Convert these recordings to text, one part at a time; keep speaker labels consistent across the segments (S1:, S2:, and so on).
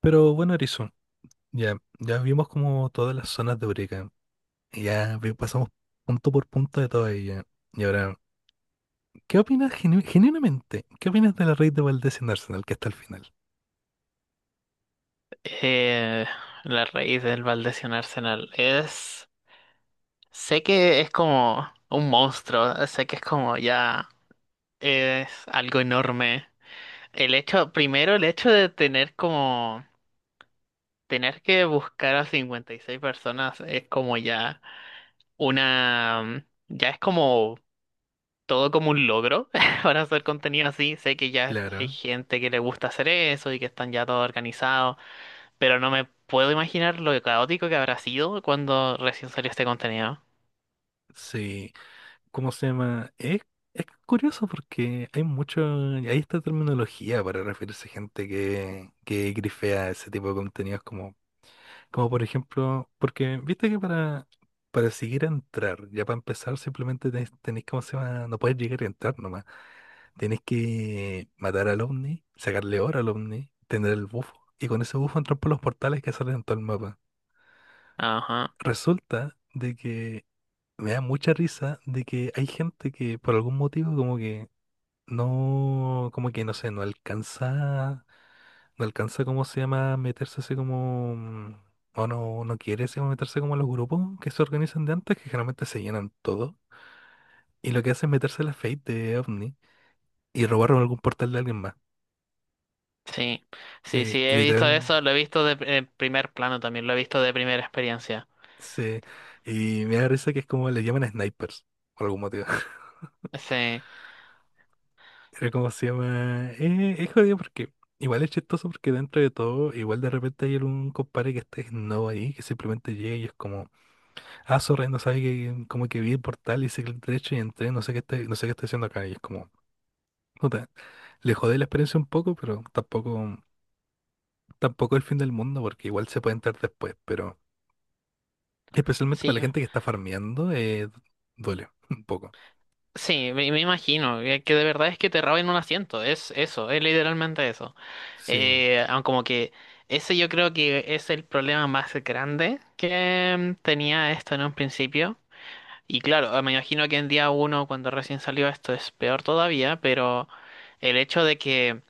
S1: Pero bueno, Erizo, ya vimos como todas las zonas de Eureka. Pasamos punto por punto de todas ellas. Y ahora, ¿qué opinas genuinamente? ¿Qué opinas de la raid de Valdés en Arsenal que está al final?
S2: Eh, la raíz del Valdez y Arsenal es... Sé que es como un monstruo, sé que es como ya es algo enorme. El hecho, primero el hecho de tener como... Tener que buscar a 56 personas es como ya una... Ya es como todo como un logro para hacer contenido así. Sé que ya hay
S1: Claro,
S2: gente que le gusta hacer eso y que están ya todos organizados. Pero no me puedo imaginar lo caótico que habrá sido cuando recién salió este contenido.
S1: sí. ¿Cómo se llama? Es curioso porque hay mucho, hay esta terminología para referirse a gente que grifea ese tipo de contenidos como. Como por ejemplo, porque viste que para seguir a entrar, ya para empezar, simplemente tenés, ¿cómo se llama? No puedes llegar y entrar nomás. Tenés que matar al ovni, sacarle oro al ovni, tener el bufo. Y con ese bufo entran por los portales que salen en todo el mapa.
S2: Ajá,
S1: Resulta de que me da mucha risa de que hay gente que por algún motivo como que no sé, no alcanza. No alcanza, ¿cómo se llama? Meterse así como... o no, no quiere así como meterse como a los grupos que se organizan de antes, que generalmente se llenan todo. Y lo que hace es meterse a la Fate de OVNI y robar algún portal de alguien más.
S2: sí, sí, sí, he visto
S1: Literal,
S2: eso, lo he visto en primer plano también, lo he visto de primera experiencia.
S1: se... Y me da risa que es como le llaman snipers, por algún motivo.
S2: Sí,
S1: Pero como se llama... es jodido porque... Igual es chistoso porque dentro de todo, igual de repente hay algún compadre que esté no ahí, que simplemente llega y es como... Ah, sorry, no sabía que como que vi el portal y el derecho y entré, no sé qué está, no sé qué está haciendo acá. Y es como, puta, le jodé la experiencia un poco, pero tampoco, tampoco el fin del mundo, porque igual se puede entrar después, pero especialmente para la
S2: sí,
S1: gente que está farmeando, duele un poco.
S2: sí, me imagino que de verdad es que te roben un asiento, es eso, es literalmente eso.
S1: Sí,
S2: Aun como que ese yo creo que es el problema más grande que tenía esto en un principio. Y claro, ah, me imagino que en día uno, cuando recién salió esto, es peor todavía, pero el hecho de que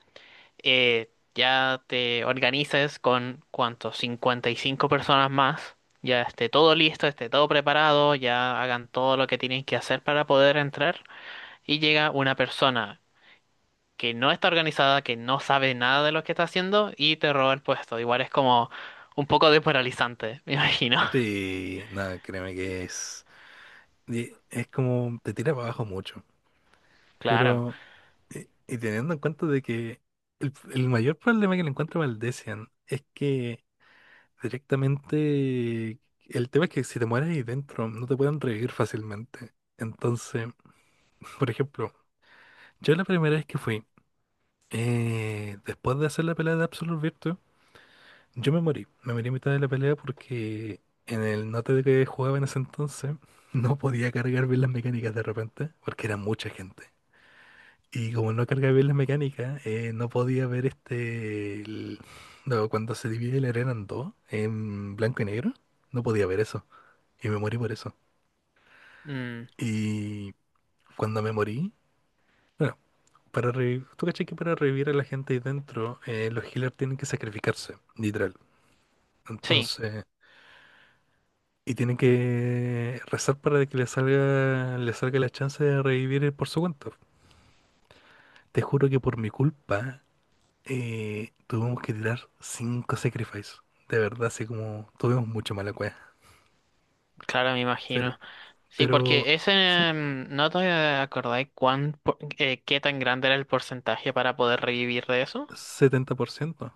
S2: ya te organices con, ¿cuánto? 55 personas más, ya esté todo listo, esté todo preparado, ya hagan todo lo que tienen que hacer para poder entrar, y llega una persona que no está organizada, que no sabe nada de lo que está haciendo, y te roba el puesto. Igual es como un poco desmoralizante, me imagino.
S1: sí, nada, créeme que es, y es como, te tira para abajo mucho,
S2: Claro.
S1: pero, y teniendo en cuenta de que el mayor problema que le encuentro a Valdecian es que directamente, el tema es que si te mueres ahí dentro, no te pueden revivir fácilmente. Entonces, por ejemplo, yo la primera vez que fui, después de hacer la pelea de Absolute Virtue, yo me morí. Me morí a mitad de la pelea porque en el note de que jugaba en ese entonces, no podía cargar bien las mecánicas de repente, porque era mucha gente. Y como no cargaba bien las mecánicas, no podía ver este... no, cuando se divide la arena en dos, en blanco y negro, no podía ver eso. Y me morí por eso.
S2: Mm,
S1: Y cuando me morí, bueno, tú cachai que para revivir a la gente ahí dentro, los healers tienen que sacrificarse, literal.
S2: sí,
S1: Entonces, y tienen que rezar para que le salga la chance de revivir por su cuenta. Te juro que por mi culpa, tuvimos que tirar 5 sacrifices. De verdad, así como tuvimos mucho mala cueva.
S2: claro, me
S1: Pero,
S2: imagino. Sí,
S1: pero,
S2: porque ese,
S1: ¿sí?
S2: mm, no te acordáis qué tan grande era el porcentaje para poder revivir de eso.
S1: 70%.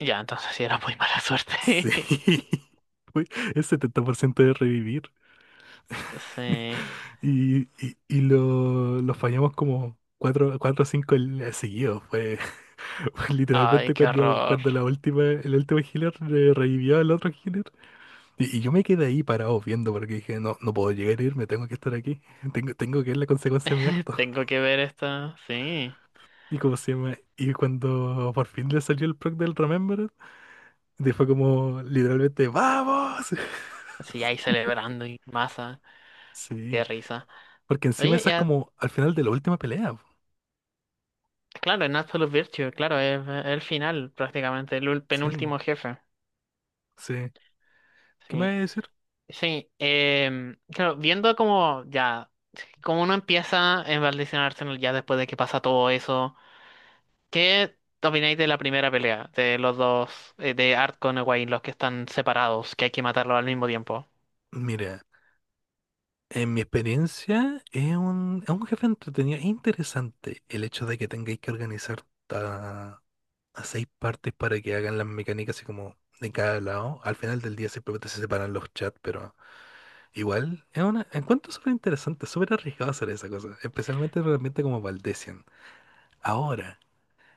S2: Ya, entonces sí era muy mala
S1: Sí.
S2: suerte.
S1: Uy, es 70% de revivir.
S2: Sí.
S1: Y lo fallamos como cuatro o cinco seguidos. Fue, fue
S2: Ay,
S1: literalmente
S2: qué horror.
S1: cuando la última, el último healer revivió al otro healer. Y yo me quedé ahí parado viendo porque dije, no, no puedo llegar a irme, tengo que estar aquí. Tengo que ver la consecuencia de mi acto.
S2: Tengo que ver esto. Sí.
S1: Y como se llama, y cuando por fin le salió el proc del Remember, fue como literalmente, ¡vamos!
S2: Sí, ahí celebrando y masa. Qué
S1: Sí,
S2: risa.
S1: porque encima
S2: Oye,
S1: esa es
S2: ya,
S1: como al final de la última pelea, po.
S2: claro, en Absolute Virtue, claro, es el final prácticamente,
S1: Sí,
S2: penúltimo jefe.
S1: sí. ¿Qué me vas
S2: Sí.
S1: a decir?
S2: Sí, claro, viendo como ya, como uno empieza en Valdición Arsenal ya después de que pasa todo eso, ¿qué opináis de la primera pelea de los dos, de Art con Egwene, los que están separados, que hay que matarlos al mismo tiempo?
S1: Mira, en mi experiencia es es un jefe entretenido. Es interesante el hecho de que tengáis que organizar a, a 6 partes para que hagan las mecánicas así como de cada lado. Al final del día simplemente se separan los chats, pero igual es una, encuentro súper interesante, súper arriesgado hacer esa cosa, especialmente realmente como Valdecian. Ahora,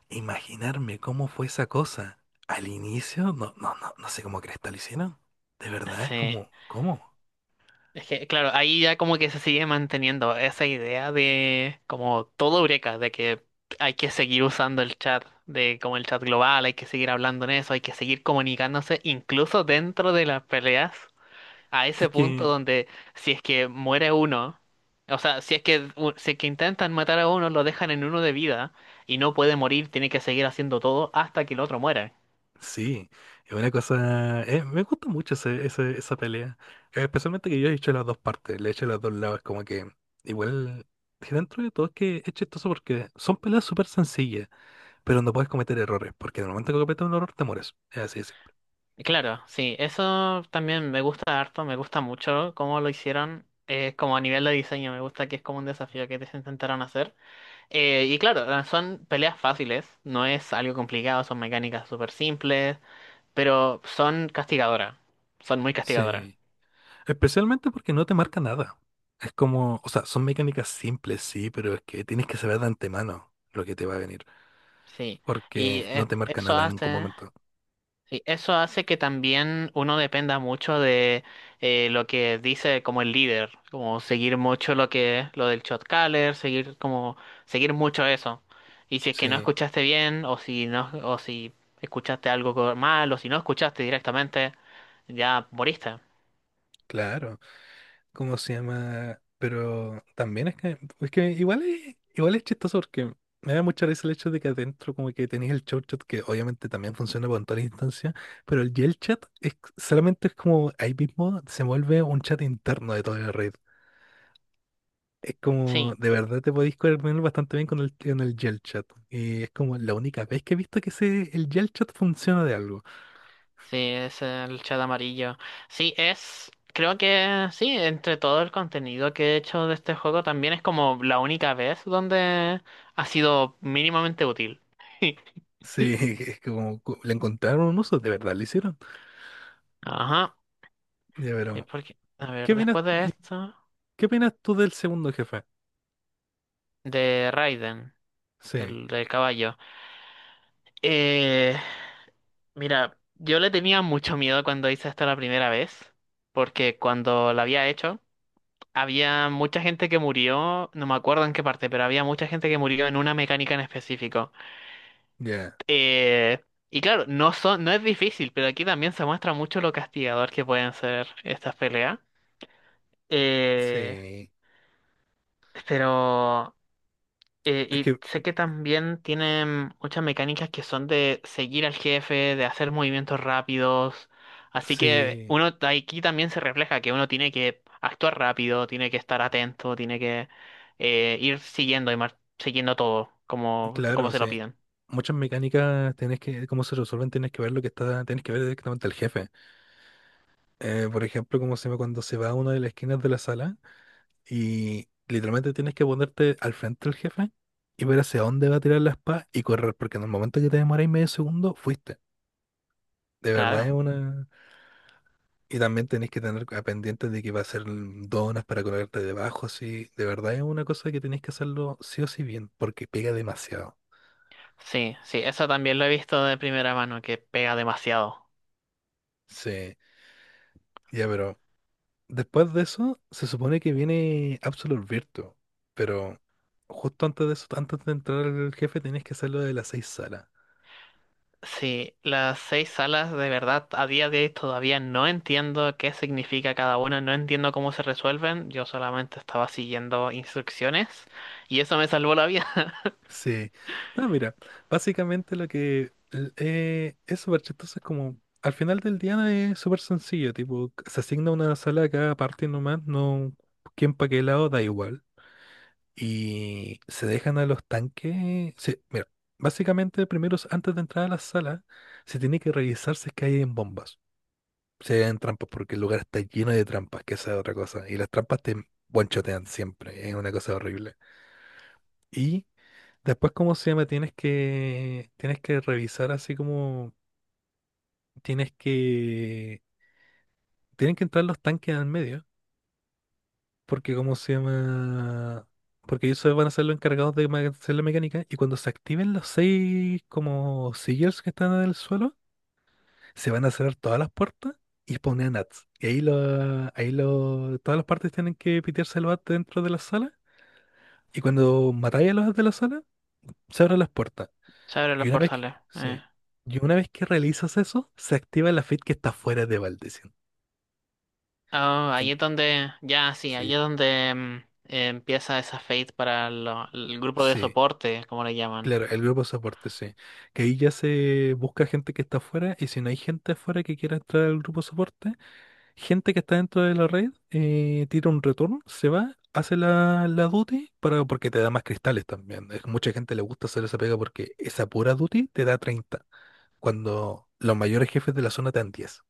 S1: imaginarme cómo fue esa cosa al inicio, no sé cómo cresta lo hicieron. De verdad, es
S2: Sí.
S1: como, ¿cómo?
S2: Es que, claro, ahí ya como que se sigue manteniendo esa idea de como todo Eureka, de que hay que seguir usando el chat, de como el chat global, hay que seguir hablando en eso, hay que seguir comunicándose incluso dentro de las peleas, a ese
S1: Es
S2: punto
S1: que
S2: donde si es que muere uno, o sea, si es que intentan matar a uno, lo dejan en uno de vida y no puede morir, tiene que seguir haciendo todo hasta que el otro muera.
S1: sí, es una cosa. Me gusta mucho esa pelea. Especialmente que yo he hecho las dos partes, le he hecho los dos lados. Como que igual, que dentro de todo es que es chistoso porque son peleas súper sencillas, pero no puedes cometer errores, porque en el momento que cometes un error te mueres. Es así de simple.
S2: Y claro, sí, eso también me gusta harto, me gusta mucho cómo lo hicieron. Eh, como a nivel de diseño, me gusta que es como un desafío que te intentaron hacer. Y claro, ah, son peleas fáciles, no es algo complicado, son mecánicas súper simples, pero son castigadoras, son muy castigadoras.
S1: Sí, especialmente porque no te marca nada. Es como, o sea, son mecánicas simples, sí, pero es que tienes que saber de antemano lo que te va a venir,
S2: Sí, y
S1: porque no te marca nada en ningún momento.
S2: sí, eso hace que también uno dependa mucho de lo que dice como el líder, como seguir mucho lo que lo del shot caller, seguir mucho eso. Y si es que no
S1: Sí,
S2: escuchaste bien o si escuchaste algo mal o si no escuchaste directamente, ya moriste.
S1: claro. ¿Cómo se llama? Pero también es es que igual es chistoso porque me da mucha risa el hecho de que adentro como que tenéis el show chat que obviamente también funciona con todas las instancias, pero el Yell chat es, solamente es como ahí mismo se vuelve un chat interno de toda la red. Es como,
S2: Sí.
S1: de verdad te podéis coordinar bastante bien con con el Yell chat. Y es como la única vez que he visto que ese, el Yell chat funciona de algo.
S2: Sí, es el chat amarillo. Sí, es. Creo que sí, entre todo el contenido que he hecho de este juego, también es como la única vez donde ha sido mínimamente útil.
S1: Sí, es como le encontraron un uso, de verdad lo hicieron.
S2: Ajá.
S1: Ya,
S2: Sí,
S1: pero,
S2: porque. A
S1: ¿qué
S2: ver,
S1: opinas?
S2: después de esto.
S1: ¿Qué opinas tú del segundo jefe?
S2: De Raiden,
S1: Sí,
S2: el del caballo. Eh. Mira, yo le tenía mucho miedo cuando hice esto la primera vez, porque cuando lo había hecho. Había mucha gente que murió, no me acuerdo en qué parte, pero había mucha gente que murió en una mecánica en específico.
S1: ya,
S2: Eh, y claro, no son, no es difícil, pero aquí también se muestra mucho lo castigador que pueden ser estas peleas. Eh,
S1: sí.
S2: pero
S1: Es
S2: y
S1: que,
S2: sé que también tienen muchas mecánicas que son de seguir al jefe, de hacer movimientos rápidos. Así que
S1: sí,
S2: aquí también se refleja que uno tiene que actuar rápido, tiene que estar atento, tiene que ir siguiendo todo como, como
S1: claro,
S2: se lo
S1: sí.
S2: piden.
S1: Muchas mecánicas tenés que, cómo se resuelven, tenés que ver lo que está, tenés que ver directamente al jefe. Por ejemplo, como se llama cuando se va a una de las esquinas de la sala y literalmente tienes que ponerte al frente del jefe y ver hacia dónde va a tirar la espada y correr, porque en el momento que te demoráis medio segundo, fuiste. De verdad es
S2: Claro.
S1: una. Y también tenés que tener a pendiente de que va a ser donas para colgarte debajo, así. De verdad es una cosa que tenés que hacerlo sí o sí bien, porque pega demasiado.
S2: Sí, sí, eso también lo he visto de primera mano, que pega demasiado.
S1: Sí, ya, pero después de eso se supone que viene Absolute Virtue, pero justo antes de eso, antes de entrar al jefe, tenés que hacer lo de las 6 salas.
S2: Sí, las seis salas de verdad a día de hoy todavía no entiendo qué significa cada una, no entiendo cómo se resuelven, yo solamente estaba siguiendo instrucciones y eso me salvó la vida.
S1: Sí. No, mira, básicamente lo que es súper chistoso es como, al final del día no es súper sencillo, tipo, se asigna una sala a cada parte nomás, no, quién pa' qué lado, da igual. Y se dejan a los tanques, sí, mira, básicamente primero, antes de entrar a la sala, se tiene que revisar si es que hay bombas, si hay trampas, porque el lugar está lleno de trampas, que esa es otra cosa, y las trampas te guanchotean siempre, es una cosa horrible. Y después, ¿cómo se llama? Tienes que revisar así como, tienes que, tienen que entrar los tanques al medio, porque ¿cómo se llama? Porque ellos se van a ser los encargados de hacer la mecánica y cuando se activen los 6 como sealers que están en el suelo, se van a cerrar todas las puertas y poner nats. Ahí lo, todas las partes tienen que pitearse el bat dentro de la sala y cuando matáis a los de la sala, se abren las puertas.
S2: Se abren
S1: Y
S2: los
S1: una vez que,
S2: portales.
S1: sí, y una vez que realizas eso, se activa la feed que está fuera de Valdecian.
S2: Ah, ahí
S1: En-
S2: es donde, ya sí, ahí
S1: sí,
S2: es donde empieza esa fate para el grupo de
S1: sí,
S2: soporte, como le llaman.
S1: claro, el grupo de soporte, sí. Que ahí ya se busca gente que está afuera y si no hay gente afuera que quiera entrar al grupo de soporte, gente que está dentro de la red, tira un retorno, se va, hace la duty para, porque te da más cristales también. Mucha gente le gusta hacer esa pega porque esa pura duty te da 30 cuando los mayores jefes de la zona te dan 10.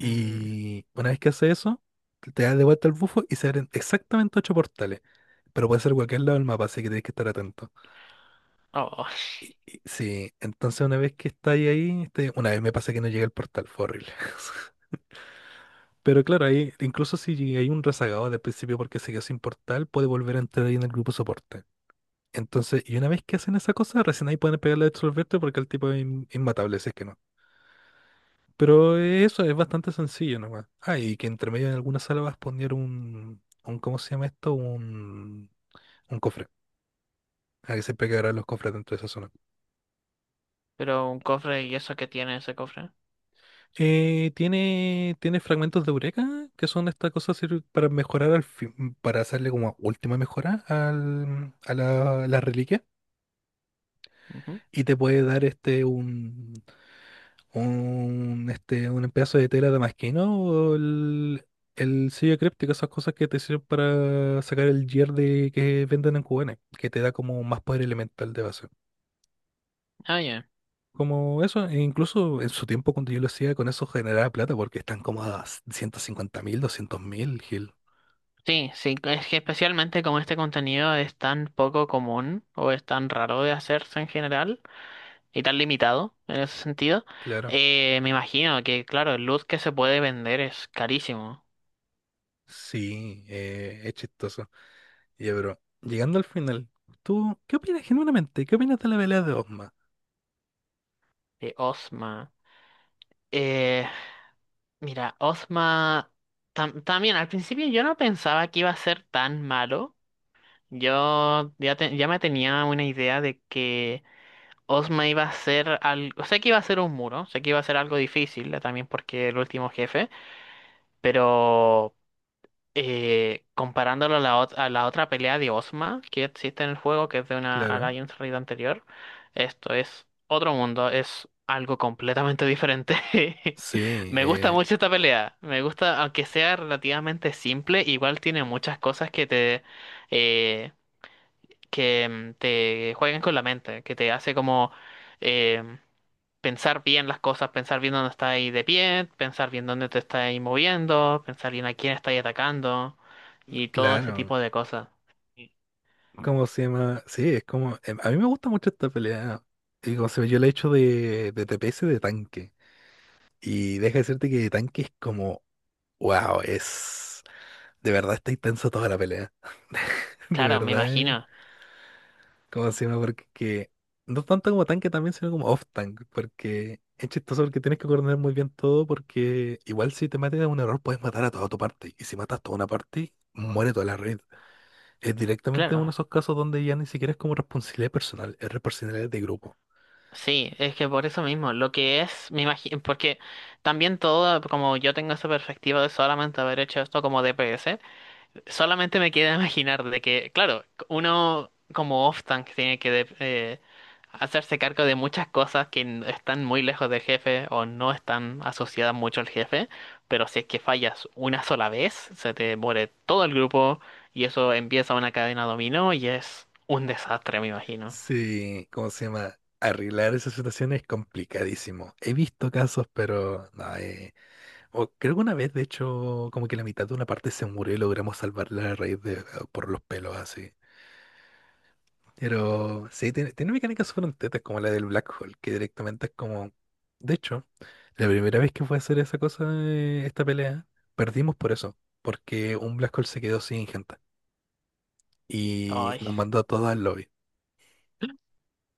S2: Mm.
S1: una vez que hace eso, te das de vuelta al bufo y se abren exactamente 8 portales. Pero puede ser cualquier lado del mapa, así que tienes que estar atento.
S2: Oh,
S1: Sí, entonces una vez que estáis ahí, este, una vez me pasa que no llegué al portal, fue horrible. Pero claro, ahí, incluso si hay un rezagado del principio porque se quedó sin portal, puede volver a entrar ahí en el grupo soporte. Entonces, y una vez que hacen esa cosa, recién ahí pueden pegarle a absolverte porque el tipo es inmatable, si es que no. Pero eso es bastante sencillo nomás. Ah, y que entre medio en alguna sala vas a poner un, ¿cómo se llama esto? Un cofre. Hay que siempre quedarán los cofres dentro de esa zona.
S2: pero un cofre y eso que tiene ese cofre.
S1: Tiene fragmentos de eureka, que son estas cosas para mejorar al fin, para hacerle como última mejora a a la reliquia.
S2: Ujú.
S1: Y te puede dar un pedazo de tela damasquino el sello críptico, esas cosas que te sirven para sacar el gear de, que venden en Cubana, que te da como más poder elemental de base.
S2: Ah, ya.
S1: Como eso, e incluso en su tiempo cuando yo lo hacía, con eso generaba plata porque están como a 150.000, 200.000, Gil.
S2: Sí, sí, es que especialmente como este contenido es tan poco común o es tan raro de hacerse en general y tan limitado en ese sentido,
S1: Claro.
S2: me imagino que, claro, el luz que se puede vender es carísimo.
S1: Sí, es chistoso. Ya, pero llegando al final, ¿tú qué opinas genuinamente? ¿Qué opinas de la pelea de Osma?
S2: De Osma. Eh, mira, Osma también al principio yo no pensaba que iba a ser tan malo. Ya me tenía una idea de que Osma iba a ser algo, sé que iba a ser un muro, sé que iba a ser algo difícil, también porque el último jefe. Pero comparándolo a a la otra pelea de Ozma que existe en el juego, que es de una
S1: Claro.
S2: Alliance Raid anterior, esto es otro mundo, es algo completamente diferente.
S1: Sí,
S2: Me gusta mucho esta pelea, me gusta, aunque sea relativamente simple, igual tiene muchas cosas que eh, que te juegan con la mente, que te hace como... em, pensar bien las cosas, pensar bien dónde está ahí de pie, pensar bien dónde te está ahí moviendo, pensar bien a quién está ahí atacando y todo ese
S1: claro.
S2: tipo de cosas. Y
S1: ¿Cómo se llama? Sí, es como a mí me gusta mucho esta pelea. Y como se ve, yo la he hecho de TPS de tanque. Y deja de decirte que de tanque es como, ¡wow! Es, de verdad está intensa toda la pelea. De
S2: claro, me
S1: verdad,
S2: imagino.
S1: ¿cómo se llama? No tanto como tanque también, sino como off-tank. Porque es chistoso porque tienes que coordinar muy bien todo. Porque igual si te matas en un error, puedes matar a toda tu parte. Y si matas toda una parte, muere toda la red. Es directamente uno
S2: Claro.
S1: de esos casos donde ya ni siquiera es como responsabilidad personal, es responsabilidad de grupo.
S2: Sí, es que por eso mismo, lo que es, me imagino, porque también todo, como yo tengo esa perspectiva de solamente haber hecho esto como DPS. Solamente me queda imaginar de que, claro, uno como off-tank tiene que hacerse cargo de muchas cosas que están muy lejos del jefe o no están asociadas mucho al jefe, pero si es que fallas una sola vez, se te muere todo el grupo y eso empieza una cadena dominó y es un desastre, me imagino.
S1: Sí, ¿cómo se llama? Arreglar esa situación es complicadísimo. He visto casos, pero no, o creo que una vez, de hecho, como que la mitad de una parte se murió y logramos salvarla a raíz de por los pelos así. Pero sí, tiene mecánicas súper tetas como la del Black Hole, que directamente es como. De hecho, la primera vez que fue a hacer esa cosa, esta pelea, perdimos por eso, porque un Black Hole se quedó sin gente y
S2: Ay.
S1: nos mandó a todos al lobby.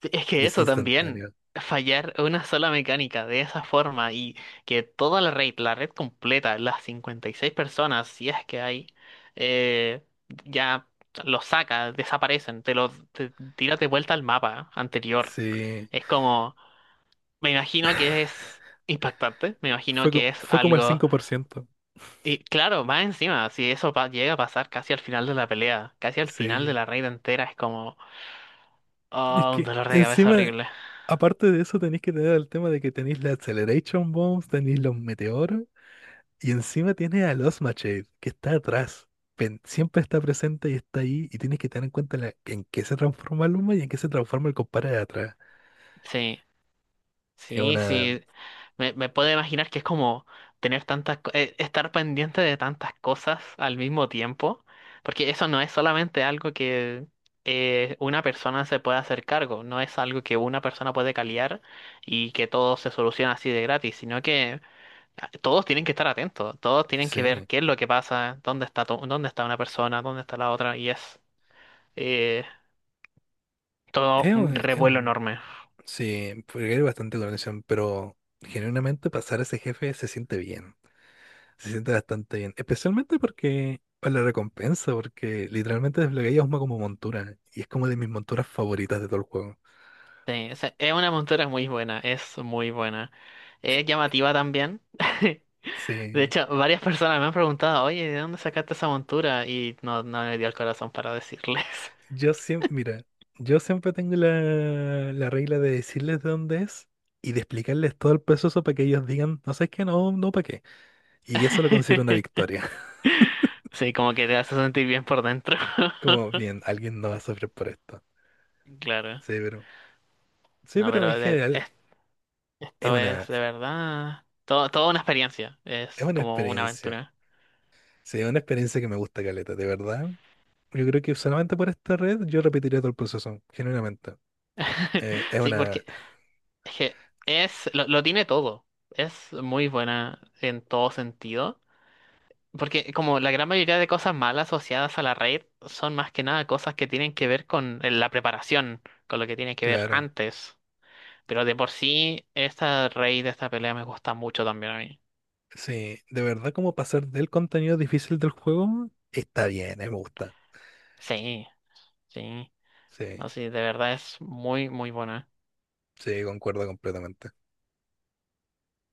S2: Es
S1: Y
S2: que
S1: es
S2: eso también,
S1: instantáneo.
S2: fallar una sola mecánica de esa forma y que toda la red completa, las 56 personas, si es que hay, eh, ya los saca, desaparecen, tira de vuelta al mapa anterior.
S1: Sí.
S2: Es como, me imagino que es impactante, me imagino
S1: Fue,
S2: que es
S1: fue como el
S2: algo...
S1: 5%.
S2: Y claro, más encima, si eso llega a pasar casi al final de la pelea, casi al final de
S1: Sí.
S2: la raid entera, es como,
S1: Es
S2: oh, un
S1: que
S2: dolor de cabeza
S1: encima,
S2: horrible.
S1: aparte de eso, tenéis que tener el tema de que tenéis la Acceleration Bombs, tenéis los meteoros, y encima tienes a los Machete, que está atrás. Siempre está presente y está ahí, y tienes que tener en cuenta en qué se transforma Luma y en qué se transforma el compadre de atrás.
S2: Sí.
S1: Es
S2: Sí,
S1: una...
S2: sí, me puedo imaginar que es como tener tantas, estar pendiente de tantas cosas al mismo tiempo, porque eso no es solamente algo que una persona se puede hacer cargo, no es algo que una persona puede caliar y que todo se soluciona así de gratis, sino que ah, todos tienen que estar atentos, todos tienen que ver
S1: Sí.
S2: qué es lo que pasa, dónde está, dónde está una persona, dónde está la otra, y es eh, todo un
S1: Es
S2: revuelo
S1: un,
S2: enorme.
S1: sí, porque hay bastante coordinación, pero genuinamente pasar a ese jefe se siente bien, se siente bastante bien, especialmente porque por la recompensa, porque literalmente desbloqueas una como montura y es como de mis monturas favoritas de todo el juego.
S2: Sí, o sea, es una montura muy buena. Es llamativa también. De
S1: Sí,
S2: hecho, varias personas me han preguntado, oye, ¿de dónde sacaste esa montura? Y no, no me dio el corazón para decirles.
S1: yo siempre, mira, yo siempre tengo la, la regla de decirles de dónde es y de explicarles todo el proceso para que ellos digan, no sé qué, no, no, para qué. Y eso lo considero una victoria.
S2: Sí, como que te hace sentir bien por dentro.
S1: Como bien, alguien no va a sufrir por esto.
S2: Claro.
S1: Sí, pero, sí,
S2: No,
S1: pero en
S2: pero
S1: general es
S2: esto es
S1: una,
S2: de verdad. Todo, toda una experiencia.
S1: es
S2: Es
S1: una
S2: como una
S1: experiencia.
S2: aventura.
S1: Sí, es una experiencia que me gusta caleta, de verdad. Yo creo que solamente por esta red yo repetiría todo el proceso, genuinamente. Es
S2: Sí,
S1: una,
S2: porque es que es, lo tiene todo. Es muy buena en todo sentido. Porque como la gran mayoría de cosas malas asociadas a la raid son más que nada cosas que tienen que ver con la preparación, con lo que tiene que ver
S1: claro,
S2: antes. Pero de por sí, esta raid, esta pelea me gusta mucho también a mí.
S1: sí, de verdad como pasar del contenido difícil del juego está bien, me gusta.
S2: Sí, sí.
S1: Sí,
S2: No, sí, de verdad es muy, muy buena.
S1: sí, concuerdo completamente.